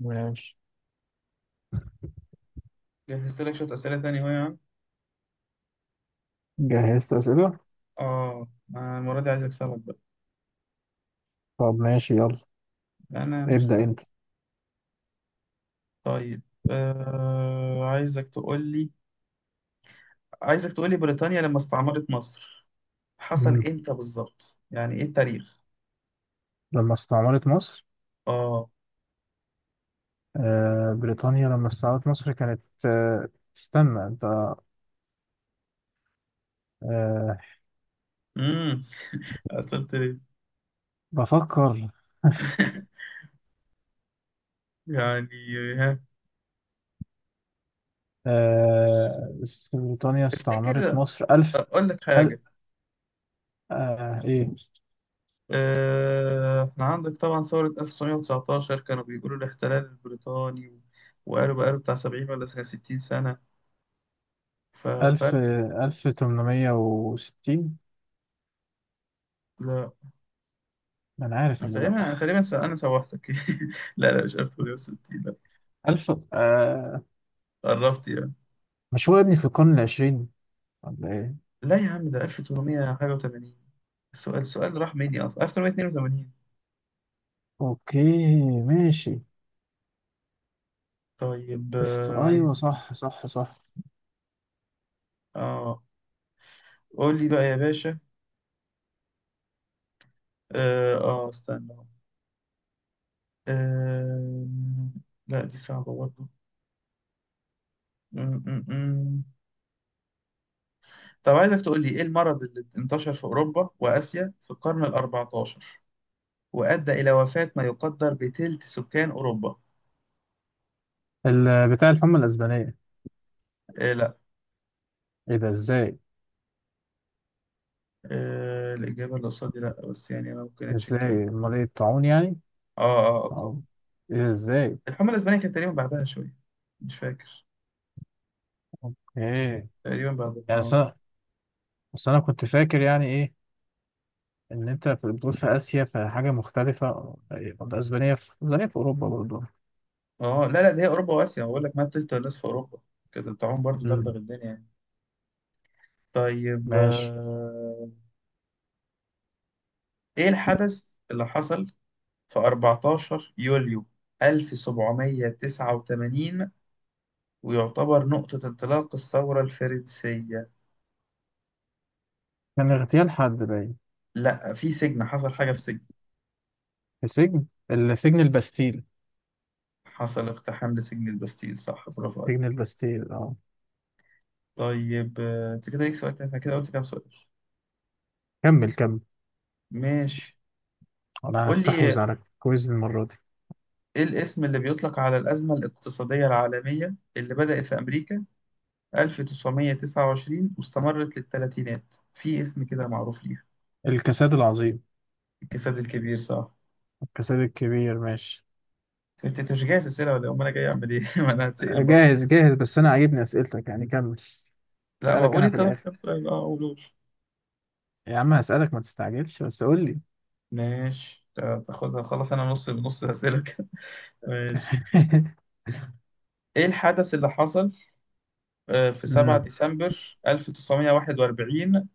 ماشي. جهزت لك شوية أسئلة تانية أهو يا عم. جهزت أسئلة. آه. أنا المرة دي عايز أكسبك بقى. طب ماشي، يلا. أنا ابدأ مستعد. أنت. طيب طيب، عايزك تقول لي، بريطانيا لما استعمرت مصر حصل مم. إمتى بالظبط؟ يعني إيه التاريخ؟ لما استعمرت مصر. آه. بريطانيا لما استعمرت مصر كانت. استنى انت. آه. امم قلت ليه؟ بفكر. يعني، ها، آه بريطانيا استعمرت افتكر، مصر ألف. أقول لك أل حاجة. إيه؟ إحنا عندك طبعا ثورة 1919 كانوا بيقولوا الاحتلال البريطاني، وقالوا بقاله بتاع 70 ولا 60 سنة. ف... ف... ألف ألف 800 وستين. لا. أنا عارف أنا إنه لأ. تقريبا أنا تقريبا س- أنا سوحتك. لا لا مش 1860. لا، ألف. قربت يعني. مش هو يا ابني في القرن العشرين، ولا إيه؟ لا يا عم ده 1800 حاجة و80. السؤال راح مني أصلا. 1882. أوكي ماشي. طيب، ألف، أيوه، عايز. صح صح صح. آه قول لي بقى يا باشا. استنى. آه لا دي صعبة برضه. م- م- م. طب عايزك تقول لي إيه المرض اللي انتشر في أوروبا وآسيا في القرن ال 14 وأدى إلى وفاة ما يقدر بتلت سكان أوروبا. بتاع الحمى الأسبانية. إيه ده إزاي؟ الإجابة اللي قصادي لأ، بس يعني أنا ممكن أتشك إزاي أمال؟ إيه، الطاعون يعني. آه آه طاعون. طبعا. إيه ده إزاي؟ الحملة الإسبانية كانت تقريبا بعدها شوية. مش فاكر. أوكي. تقريبا بعدها. يعني أصل أنا، بس أنا كنت فاكر يعني إيه؟ إن أنت بتقول في آسيا، فحاجة مختلفة. الأسبانية، في الأسبانية في أوروبا برضه. لا لا دي هي أوروبا وآسيا، بقول لك ما تلت الناس في أوروبا كده بتاعهم برضو دغدغ أمم. الدنيا يعني. طيب، ماشي. إيه الحدث اللي حصل في 14 يوليو 1789 ويعتبر نقطة انطلاق الثورة الفرنسية؟ كان اغتيال حد باين. لأ، في سجن، حصل حاجة في سجن. في سجن، السجن الباستيل. حصل اقتحام لسجن البستيل، صح، برافو. سجن الباستيل، أه. طيب، انت كده ليك سؤال تاني، احنا كده قلت كام سؤال؟ كمل كمل. ماشي. أنا قول لي هستحوذ ايه على الكويز المرة دي. الاسم اللي بيطلق على الأزمة الاقتصادية العالمية اللي بدأت في أمريكا 1929 واستمرت للثلاثينات، في اسم كده معروف ليها. الكساد العظيم. الكساد الكبير صح. الكساد الكبير، ماشي. انت مش جاهز أسئلة ولا إيه؟ أمال أنا جاي أعمل إيه؟ ما أنا هتسأل برضه. جاهز جاهز، بس انا عاجبني اسئلتك، يعني كمل. لا، ما اسالك قول انا أنت في الاخر. كام سؤال؟ أه قولوش. يا عم هسالك، ما تستعجلش، بس قول لي. ماشي، تاخدها خلاص. أنا نص نص أسئلة كده. ماشي. ايه الحدث اللي حصل في 7 أمم. ديسمبر 1941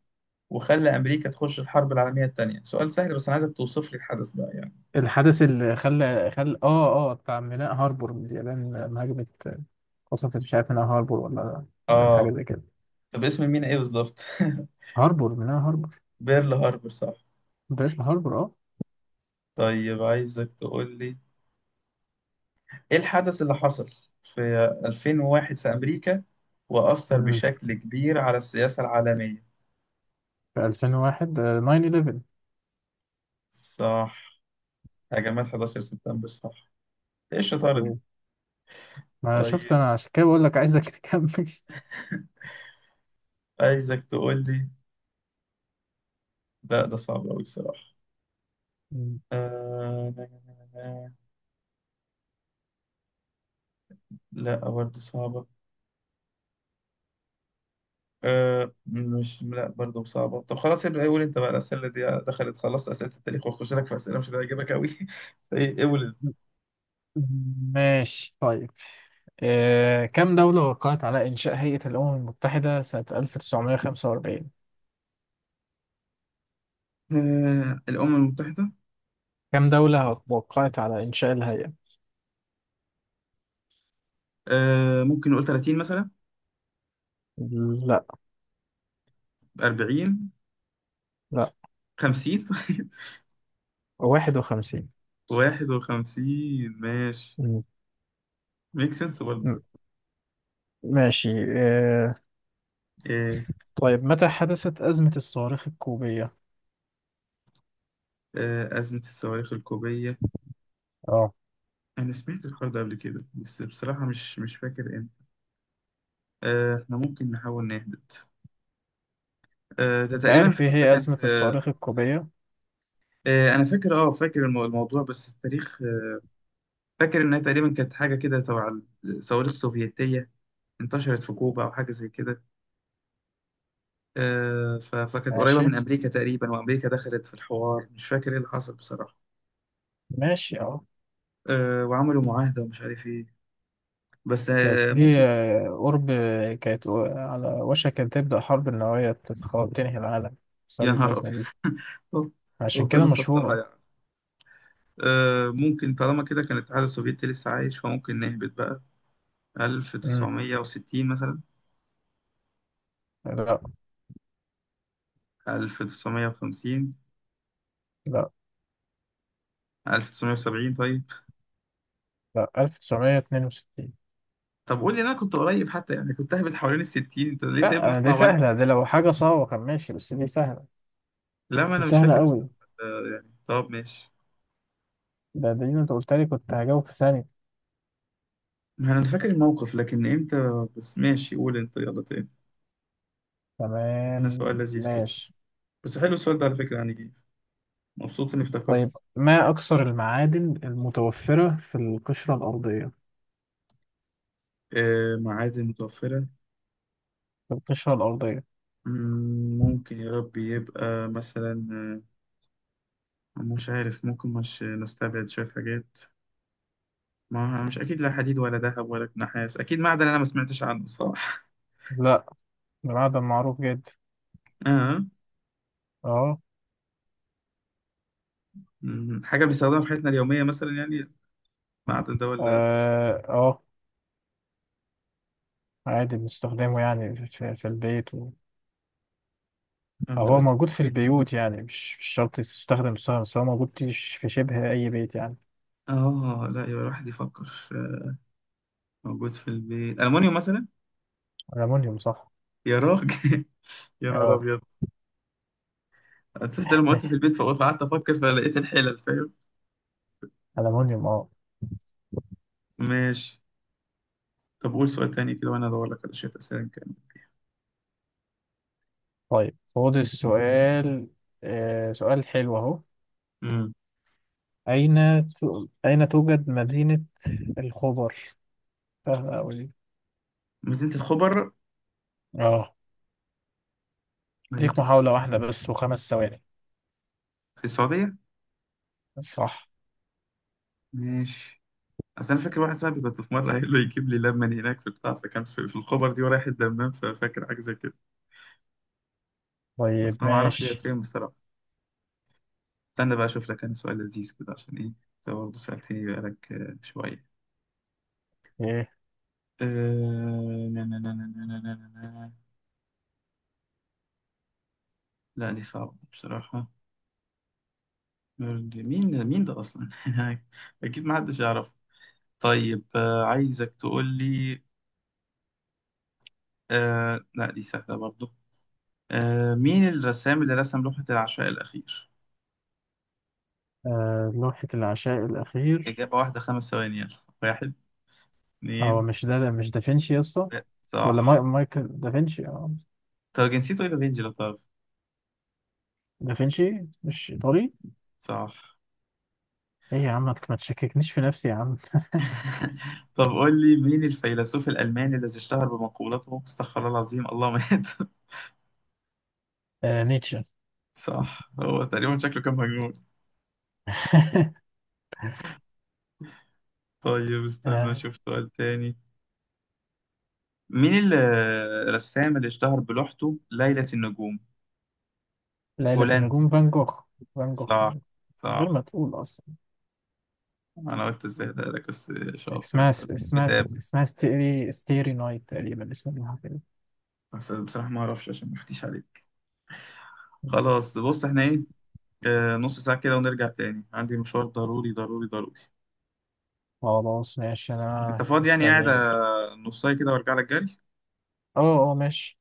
وخلى أمريكا تخش الحرب العالمية التانية؟ سؤال سهل، بس أنا عايزك توصف لي الحدث ده يعني. الحدث اللي خلى بتاع ميناء هاربور، من اليابان لما هاجمت. قصفت، مش عارف، ميناء هاربور ولا عملت حاجه آه. زي كده. طب اسم المينا إيه بالظبط؟ هاربور، ميناء هاربور. بيرل هاربور صح. بلاش، هاربور، اه. طيب عايزك تقول لي إيه الحدث اللي حصل في 2001 في أمريكا وأثر أمم. بشكل كبير على السياسة العالمية؟ في 2001، 9/11. صح. هجمات 11 سبتمبر صح. إيه الشطارة دي؟ أوه. ما شفت طيب انا، عشان كده بقول لك عايزك تكمل. عايزك تقول لي. لا ده صعب أوي بصراحة. أمم. آه... لا برضه صعبة. أه مش، لا برضه صعبة. طب خلاص ابدأ قول انت بقى الأسئلة دي. دخلت خلاص أسئلة التاريخ وأخش لك في أسئلة مش هتعجبك أوي. إيه، قول انت. ماشي طيب. كم دولة وقعت على إنشاء هيئة الأمم المتحدة سنة 1945؟ أه الأمم المتحدة. كم دولة وقعت على إنشاء الهيئة؟ أه ممكن نقول 30 مثلا. لا، 40. لا، 50. 51. 51. ماشي، م- ميك سنس برضه. م- ماشي. آه، أه طيب، متى حدثت أزمة الصواريخ الكوبية؟ أه أزمة الصواريخ الكوبية. اه. أنا سمعت الحوار ده قبل كده، بس بصراحة مش فاكر امتى. أه احنا ممكن نحاول نهبط. أه ده أنت تقريبا عارف إيه الحوار ده هي كان أزمة في الصواريخ الكوبية؟ انا فاكر، فاكر الموضوع، بس التاريخ فاكر انها تقريبا كانت حاجه كده تبع الصواريخ السوفيتيه انتشرت في كوبا او حاجه زي كده. فكانت قريبه ماشي، من امريكا تقريبا، وامريكا دخلت في الحوار، مش فاكر ايه اللي حصل بصراحه. ماشي، اه. وعملوا معاهده ومش عارف ايه، بس كانت دي، ممكن. قرب. كانت على وشك أن تبدأ حرب نووية تنهي العالم، يا بسبب نهار الأزمة دي. ابيض. عشان كده ربنا سترها مشهورة. يعني. ممكن طالما كده كان الاتحاد السوفيتي لسه عايش فممكن نهبط بقى. مم. 1960 مثلا. لا، 1950. لا، 1970 طيب. لا 1962. طب قول لي إن انا كنت قريب حتى، يعني كنت اهبط حوالين الستين، انت ليه سايبني لا، اطلع دي وانزل؟ سهلة، دي لو حاجة صعبة كان ماشي، بس دي سهلة. لا، ما دي انا مش سهلة فاكر بس. قوي. يعني طب ماشي. ده دي انت قلت لي، كنت هجاوب في ثانية. ما انا فاكر الموقف لكن امتى بس. ماشي قول انت يلا تاني. هنا تمام سؤال لذيذ كده، ماشي. بس حلو السؤال ده على فكرة يعني جه. مبسوط اني افتكرت. طيب، ما أكثر المعادن المتوفرة في القشرة الأرضية؟ آه معادن متوفرة. في القشرة الأرضية. ممكن يا رب يبقى مثلا مش عارف، ممكن مش نستبعد شوية حاجات. ما مش أكيد لا حديد ولا ذهب ولا نحاس، أكيد معدن أنا ما سمعتش عنه، صح. لا، ده معدن معروف جدا. آه. اه حاجة بنستخدمها في حياتنا اليومية مثلا يعني، بعد ده ولا؟ اه. عادي بنستخدمه يعني في, البيت و... انت أو هو قلت في موجود في البيت. البيوت، يعني مش شرط يستخدم، بس هو موجود في شبه أي بيت يعني. اه لا يبقى الواحد يفكر. موجود في البيت المونيوم مثلا. الألمونيوم، صح. يا راجل يا نهار اه. ابيض. اساس لما قلت في البيت فقعدت افكر فلقيت الحلل، فاهم. ألمونيوم، اه. ماشي. طب قول سؤال تاني كده وانا ادور لك على شويه اسئله كان. طيب خد السؤال. سؤال حلو اهو. امم أين أين توجد مدينة الخبر؟ سهلة أوي دي. مدينه الخبر. اه، مدينه ليك محاولة الخبر واحدة بس وخمس ثواني. في السعوديه. صح. ماشي. اصل انا فاكر واحد صاحبي كنت في مره قايل له يجيب لي لبن هناك في البتاع، فكان في الخبر دي ورايح الدمام، ففاكر حاجه زي كده. طيب بس انا ما اعرفش هي ماشي. فين بصراحه. استنى بقى اشوف لك انا سؤال لذيذ كده عشان ايه انت برضه سألتني بقالك شوية. ايه. آه، نا- نا- نا- نا- نا- نا- نا- نا- نا. لا دي صعبة بصراحة. مين، ده أصلا؟ أكيد ما حدش يعرف. طيب، عايزك تقول لي. لا دي سهلة برضه. مين الرسام اللي رسم لوحة العشاء الأخير؟ لوحة العشاء الأخير. إجابة واحدة، 5 ثواني، يلا. واحد. هو اتنين. مش ده، مش دافنشي يا اسطى؟ تلاتة. ولا صح. مايكل دافنشي، اه. طب جنسيته إيه؟ ده فينجي لو تعرف. دافنشي مش إيطالي؟ صح. ايه يا عم، ما تشككنيش في نفسي يا عم. طب قول لي مين الفيلسوف الألماني الذي اشتهر بمقولته استغفر الله العظيم الله مات؟ نيتشه. صح. هو تقريبا شكله كان مجنون. طيب استنى آه اشوف سؤال تاني. مين الرسام اللي اشتهر بلوحته ليلة النجوم؟ ليلة هولندي. النجوم، فان جوخ. فان جوخ، صح. من غير صح. ما تقول أصلا. انا قلت ازاي ده لك، بس شاطر اسمها، انت، اسمها، متابع. اسمها ستيري ستيري نايت تقريبا، اسمها كده. بس بصراحة ما اعرفش عشان ما افتيش عليك. مم. خلاص بص احنا ايه، نص ساعة كده ونرجع تاني، عندي مشوار ضروري ضروري ضروري. خلاص ماشي، انت أنا فاضي يعني قاعد؟ مستنيك. نص ساعة كده وارجع لك جري. أه أه، ماشي.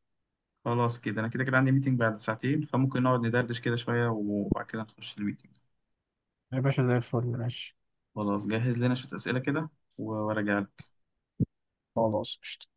خلاص كده انا كده كده عندي ميتنج بعد ساعتين فممكن نقعد ندردش كده شوية وبعد كده نخش الميتنج. يا باشا زي الفل، ماشي. خلاص جهز لنا شوية أسئلة كده وراجع. خلاص.